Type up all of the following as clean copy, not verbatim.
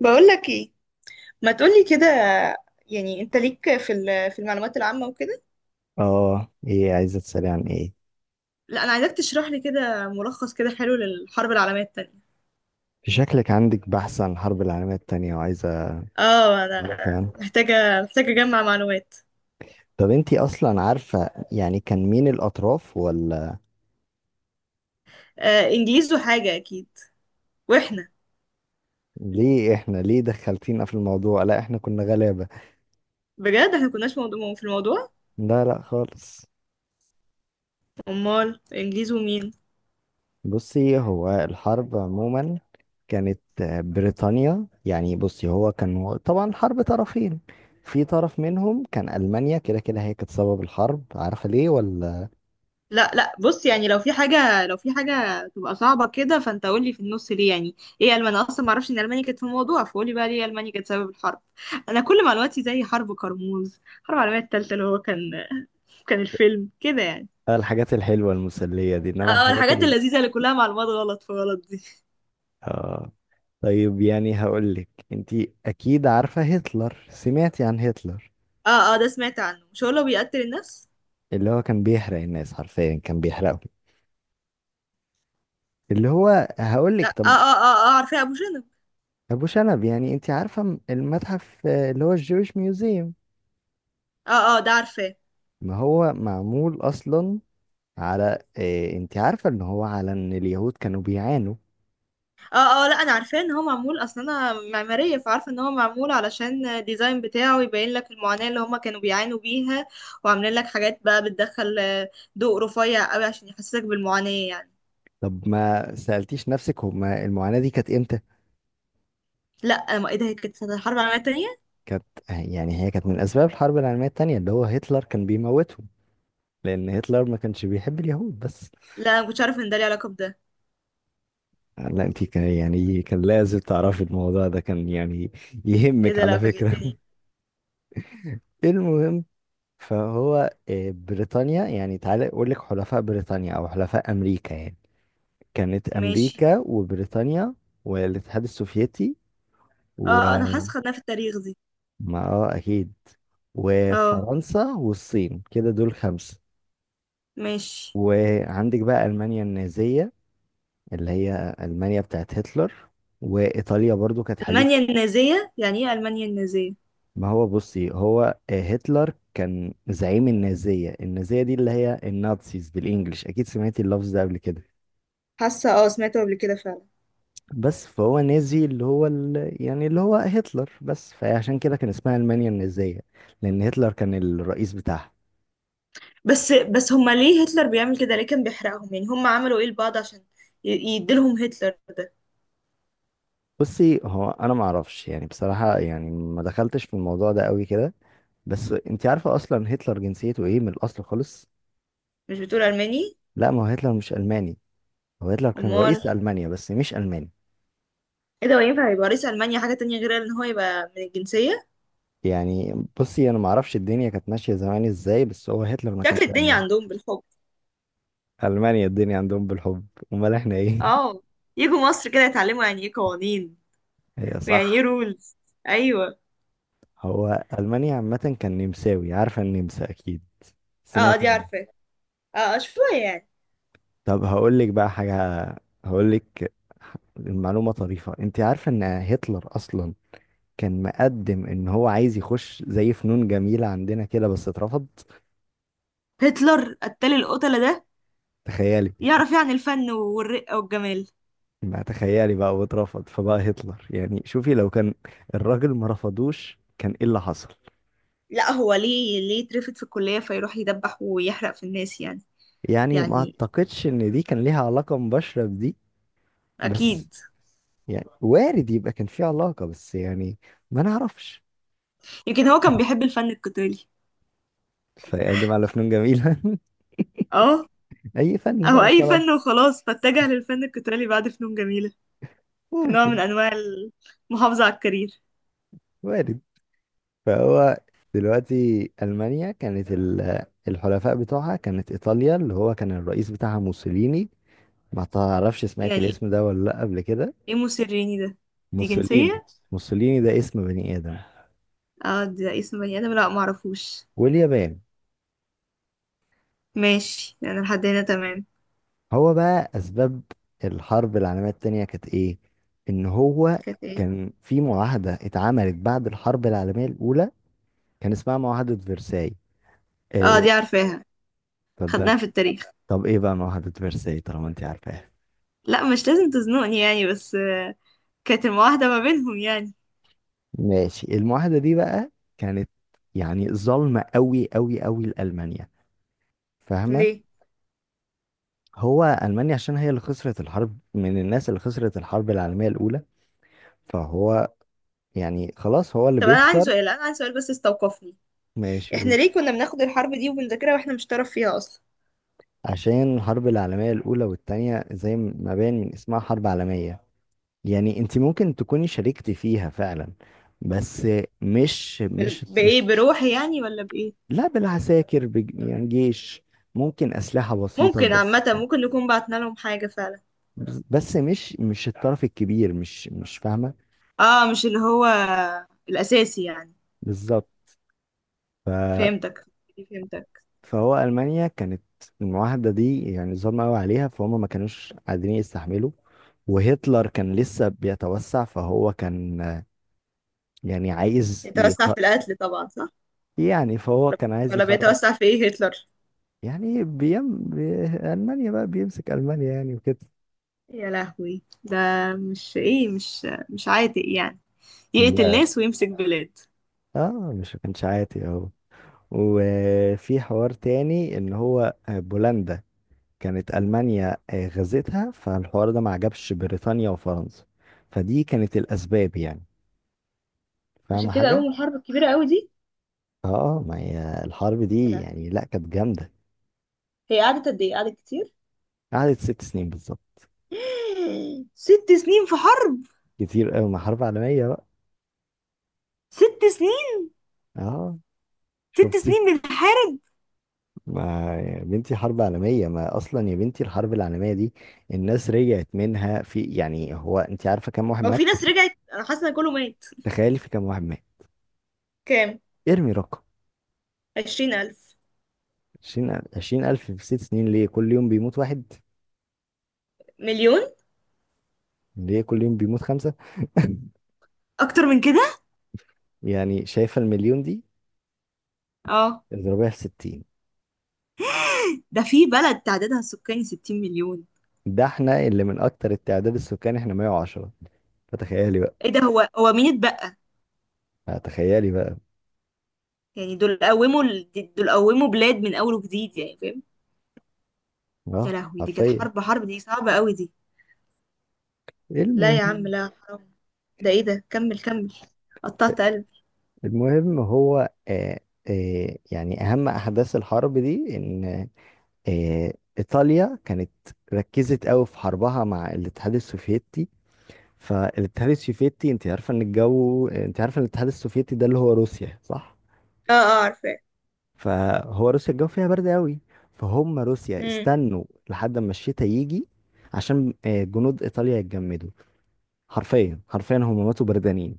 بقولك ايه؟ ما تقولي كده. يعني انت ليك في في المعلومات العامة وكده. اه، ايه عايزة تسألي عن ايه؟ لا، انا عايزاك تشرح لي كده ملخص كده حلو للحرب العالمية التانية. في شكلك عندك بحث عن الحرب العالمية التانية وعايزة اه انا تعرفي عنه. محتاجة اجمع معلومات. طب انتي اصلا عارفة يعني كان مين الاطراف ولا؟ انجليز وحاجة اكيد. واحنا، ليه احنا ليه دخلتينا في الموضوع؟ لا، احنا كنا غلابة. بجد احنا كناش موضوع في الموضوع. لا لا خالص. امال انجليز ومين؟ بصي، هو الحرب عموما كانت بريطانيا، يعني بصي هو كان طبعا حرب طرفين. في طرف منهم كان ألمانيا، كده كده هي كانت سبب الحرب. عارفة ليه ولا؟ لا لا، بص يعني لو في حاجة تبقى صعبة كده فانت قول لي في النص، ليه يعني ايه ألماني؟ انا اصلا ما اعرفش ان ألمانيا كانت في الموضوع، فقولي بقى ليه ألمانيا كانت سبب الحرب. انا كل معلوماتي زي حرب كرموز، حرب العالمية التالتة، اللي هو كان الفيلم كده يعني. الحاجات الحلوة المسلية دي، انما اه، الحاجات... الحاجات اللذيذة اللي كلها معلومات غلط في غلط دي. آه. طيب، يعني هقول لك انت. اكيد عارفة هتلر، سمعتي عن هتلر؟ اه اه، ده سمعت عنه، مش هو اللي بيقتل الناس؟ اللي هو كان بيحرق الناس، حرفيا كان بيحرقهم. اللي هو هقول لا، لك اه طب، اه اه اه، عارفاه، ابو شنب. ابو شنب. يعني انت عارفة المتحف، اللي هو الجويش ميوزيوم؟ اه اه، ده عارفاه. ما هو معمول اصلا على إيه؟ انت عارفة ان هو على ان اليهود كانوا بيعانوا؟ اه اه، لا انا عارفاه ان هو معمول اصلا، انا معماريه فعارفه ان هو معمول علشان الديزاين بتاعه يبين لك المعاناه اللي هما كانوا بيعانوا بيها. وعاملين لك حاجات بقى بتدخل، ضوء رفيع قوي عشان يحسسك بالمعاناه يعني. طب ما سألتيش نفسك هما المعاناة دي كانت امتى؟ لا، ما ايه ده، هي كانت سنة الحرب العالميه التانية. كانت يعني، هي كانت من اسباب الحرب العالمية التانية، اللي هو هتلر كان بيموتهم. لان هتلر ما كانش بيحب اليهود بس. لا، انا مكنتش عارفه ان ده ليه علاقه بده. لا انت كان يعني، كان لازم تعرفي الموضوع ده، كان يعني ايه يهمك ده، على لا فكرة. فاجئتني. المهم، فهو بريطانيا يعني. تعالى اقول لك حلفاء بريطانيا او حلفاء امريكا يعني. كانت ماشي. امريكا وبريطانيا والاتحاد السوفيتي اه انا وما حاسه خدناها في التاريخ دي. اه اكيد. اه. وفرنسا والصين، كده دول خمسة. ماشي. وعندك بقى المانيا النازية، اللي هي المانيا بتاعت هتلر. وايطاليا برضو كانت حليف. المانيا النازيه، يعني ايه المانيا النازيه؟ ما هو بصي هو، هتلر كان زعيم النازية. النازية دي اللي هي النازيز بالإنجلش، أكيد سمعتي اللفظ ده قبل كده. حاسه اه، سمعته قبل كده فعلا. بس فهو نازي، اللي هو يعني اللي هو هتلر بس، فعشان كده كان اسمها ألمانيا النازية، لأن هتلر كان الرئيس بتاعها. بس بس، هما ليه هتلر بيعمل كده، ليه كان بيحرقهم، يعني هما عملوا ايه لبعض عشان يديلهم هتلر ده؟ بصي، هو أنا معرفش يعني بصراحة، يعني ما دخلتش في الموضوع ده قوي كده. بس انت عارفة اصلا هتلر جنسيته ايه من الاصل خالص؟ مش بتقول الماني؟ لا، ما هو هتلر مش الماني. هو هتلر كان امال؟ رئيس المانيا بس مش الماني. ايه ده، هو ينفع يبقى رئيس المانيا حاجه تانية غير ان هو يبقى من الجنسيه؟ يعني بصي، انا ما اعرفش الدنيا كانت ماشيه زمان ازاي، بس هو هتلر ما شكل كانش الدنيا الماني. عندهم بالحب. المانيا الدنيا عندهم بالحب. امال احنا ايه؟ اه، يجوا مصر كده يتعلموا يعني ايه قوانين هي ويعني ايه صح. رولز. ايوه. هو المانيا عامه كان نمساوي، عارفه النمسا اكيد؟ اه سمعتي دي عنه؟ عارفه. اه شويه يعني. طب هقول لك بقى حاجه. هقول لك المعلومه طريفه. انت عارفه ان هتلر اصلا كان مقدم ان هو عايز يخش زي فنون جميله عندنا كده، بس اترفض؟ هتلر، قتال القتله ده، تخيلي! يعرف يعني الفن والرقه والجمال؟ ما تخيلي بقى، واترفض فبقى هتلر. يعني شوفي لو كان الراجل ما رفضوش، كان ايه اللي حصل. لا، هو ليه، ليه اترفد في الكليه فيروح يدبح ويحرق في الناس يعني؟ يعني ما يعني، اعتقدش ان دي كان ليها علاقة مباشرة بدي، بس اكيد. يعني وارد يبقى كان في علاقة، بس يعني ما نعرفش. يمكن هو كان بيحب الفن القتالي. فيقدم على فنون جميلة. اه. اي فن او بقى اي فن وخلاص. وخلاص، فاتجه للفن القتالي بعد فنون جميلة، كنوع من ممكن. انواع المحافظة على الكارير. وارد. فهو دلوقتي ألمانيا كانت الحلفاء بتوعها كانت إيطاليا، اللي هو كان الرئيس بتاعها موسوليني. ما تعرفش، سمعت يعني الاسم ده ولا لأ قبل كده؟ ايه موسيريني ده؟ دي موسوليني. جنسية؟ موسوليني ده اسم بني آدم. اه، ده اسم بني ادم، لا معرفوش. واليابان. ماشي، انا لحد هنا تمام. هو بقى أسباب الحرب العالمية التانية كانت إيه؟ إن هو كانت ايه؟ كان في معاهدة اتعملت بعد الحرب العالمية الأولى، كان اسمها معاهدة فرساي. اه إيه؟ دي عارفاها، طب ده، خدناها في التاريخ. طب إيه بقى معاهدة فرساي طالما أنت عارفاها؟ لا مش لازم تزنقني يعني، بس كانت المواحدة ما بينهم يعني. ماشي، المعاهدة دي بقى كانت يعني ظالمة أوي أوي أوي لألمانيا، فاهمة؟ ليه؟ هو ألمانيا عشان هي اللي خسرت الحرب، من الناس اللي خسرت الحرب العالمية الأولى، فهو يعني خلاص هو اللي طب بيخسر. انا عندي سؤال بس استوقفني. ماشي احنا قول. ليه كنا بناخد الحرب دي وبنذاكرها واحنا مش طرف فيها اصلا؟ عشان الحرب العالمية الأولى والتانية زي ما باين من اسمها حرب عالمية، يعني انت ممكن تكوني شاركتي فيها فعلا. بس مش مش بايه، مش بروحي يعني ولا بايه؟ لا، بالعساكر يعني جيش، ممكن أسلحة بسيطة ممكن، بس. عامة ممكن نكون بعتنا لهم حاجة فعلا. بس مش الطرف الكبير، مش فاهمة. اه، مش اللي هو الأساسي يعني. بالظبط. فهمتك فهمتك. فهو ألمانيا كانت المعاهدة دي يعني ظلمة قوي عليها، فهم ما كانوش قادرين يستحملوا. وهتلر كان لسه بيتوسع، فهو كان يعني عايز يتوسع في القتل طبعا، صح؟ يعني فهو كان عايز ولا يخرج، بيتوسع في ايه هتلر؟ يعني ألمانيا بقى، بيمسك ألمانيا يعني وكده. يا لهوي ده، مش ايه، مش عاتق يعني يقتل لا، ناس ويمسك بلاد؟ اه مش كانش عاتي اهو. وفي حوار تاني ان هو بولندا كانت ألمانيا غزتها، فالحوار ده ما عجبش بريطانيا وفرنسا. فدي كانت الأسباب يعني، عشان فاهمة كده حاجة؟ قوم الحرب الكبيرة قوي دي. اه ما هي الحرب يا دي يعني، لهوي، لا كانت جامدة. هي قعدت قد ايه، قعدت كتير؟ قعدت 6 سنين بالظبط. ست سنين في حرب؟ كتير قوي، ما حرب عالمية بقى. ست سنين. اه. ست شفتي؟ سنين بنحارب. ما يا بنتي حرب عالمية، ما اصلا يا بنتي الحرب العالمية دي الناس رجعت منها في يعني، هو انت عارفة كم واحد هو في مات؟ ناس رجعت؟ انا حاسه ان كله مات. تخيلي في كم واحد مات. كام؟ ارمي رقم. 20000. عشرين ألف في 6 سنين؟ ليه كل يوم بيموت واحد؟ مليون. ليه كل يوم بيموت خمسة؟ اكتر من كده. يعني شايفة المليون دي، اه. اضربيها في 60. ده في بلد تعدادها السكاني 60 مليون. ده احنا اللي من أكتر التعداد السكاني احنا 110. فتخيلي. ايه ده، هو مين اتبقى؟ تخيلي بقى. يعني دول قوموا دول قوموا بلاد من اول وجديد يعني، فاهم؟ يا اه لهوي، دي كانت حرفيا. حرب، حرب دي صعبة قوي دي. لا يا عم المهم لا، حرام. ده ايه ده، كمل كمل. قطعت قلبي. المهم هو يعني اهم احداث الحرب دي ان ايطاليا كانت ركزت قوي في حربها مع الاتحاد السوفيتي. فالاتحاد السوفيتي، انت عارفه ان الجو، انت عارفه ان الاتحاد السوفيتي ده اللي هو روسيا صح؟ اه اه عارفاه. فهو روسيا الجو فيها برد قوي. فهم روسيا امم استنوا لحد ما الشتاء يجي، عشان جنود ايطاليا يتجمدوا. حرفيا حرفيا هم ماتوا بردانين.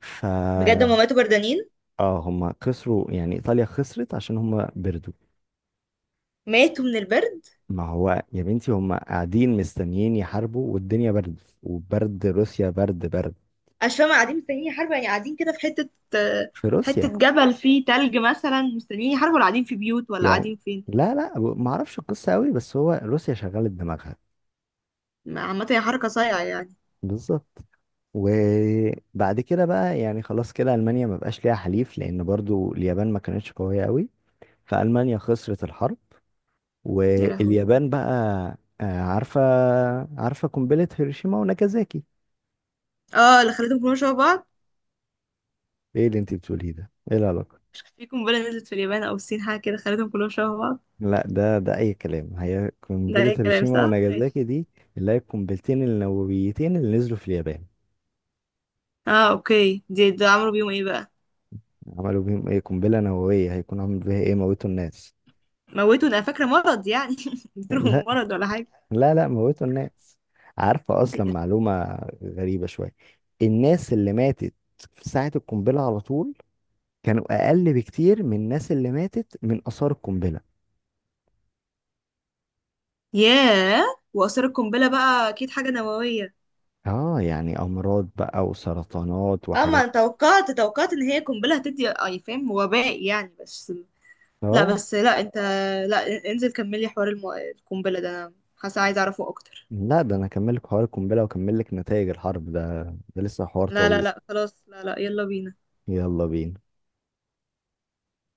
ف بجد هما ماتوا بردانين؟ اه هم خسروا، يعني ايطاليا خسرت عشان هم بردوا. ماتوا من البرد؟ ما هو يا بنتي، هم قاعدين مستنيين يحاربوا، والدنيا برد، وبرد روسيا برد برد. مش فاهمة، قاعدين مستنيين حرب يعني؟ قاعدين كده في حتة، آه، في حتة روسيا جبل فيه تلج مثلا مستنيين حرب، ولا قاعدين في بيوت، ولا يعني. قاعدين فين؟ لا لا ما اعرفش القصة قوي، بس هو روسيا شغلت دماغها. عامة هي حركة صايعة يعني. بالظبط. وبعد كده بقى يعني خلاص كده المانيا ما بقاش ليها حليف، لان برضو اليابان ما كانتش قوية قوي، فالمانيا خسرت الحرب. يا لهوي. واليابان بقى آه، عارفة عارفة قنبلة هيروشيما وناجازاكي. اه، اللي خليتهم كلهم شبه بعض. ايه اللي انت بتقوليه ده؟ ايه العلاقة؟ في قنبلة نزلت في اليابان أو الصين، حاجة كده خليتهم كلهم شبه بعض. لا، ده اي كلام، هي ده قنبلة أي كلام، هيروشيما صح؟ ماشي. وناجازاكي دي اللي هي القنبلتين النوويتين اللي نزلوا في اليابان. اه، اوكي، دي، ده عملوا بيهم ايه بقى؟ عملوا بيهم ايه؟ قنبلة نووية هيكون عامل بيها ايه؟ موتوا الناس. موتوا؟ ده أنا فاكرة مرض يعني، لا اديتهم مرض ولا حاجة. لا لا موتوا الناس. عارفة اصلا معلومة غريبة شوية؟ الناس اللي ماتت في ساعة القنبلة على طول كانوا اقل بكتير من الناس اللي ماتت من اثار القنبلة. ياه. وآثار القنبلة بقى أكيد حاجة نووية. اه، يعني امراض بقى وسرطانات اه، ما وحاجات. أنا توقعت إن هي قنبلة هتدي أي فاهم وباء يعني بس. لا اه بس، لا أنت، لا انزل كملي حوار القنبلة ده، أنا حاسة عايزة أعرفه أكتر. لا، ده انا اكمل لك حوار القنبله واكمل لك نتائج الحرب ده، ده لسه حوار لا لا طويل. لا خلاص، لا لا، يلا بينا. يلا بينا.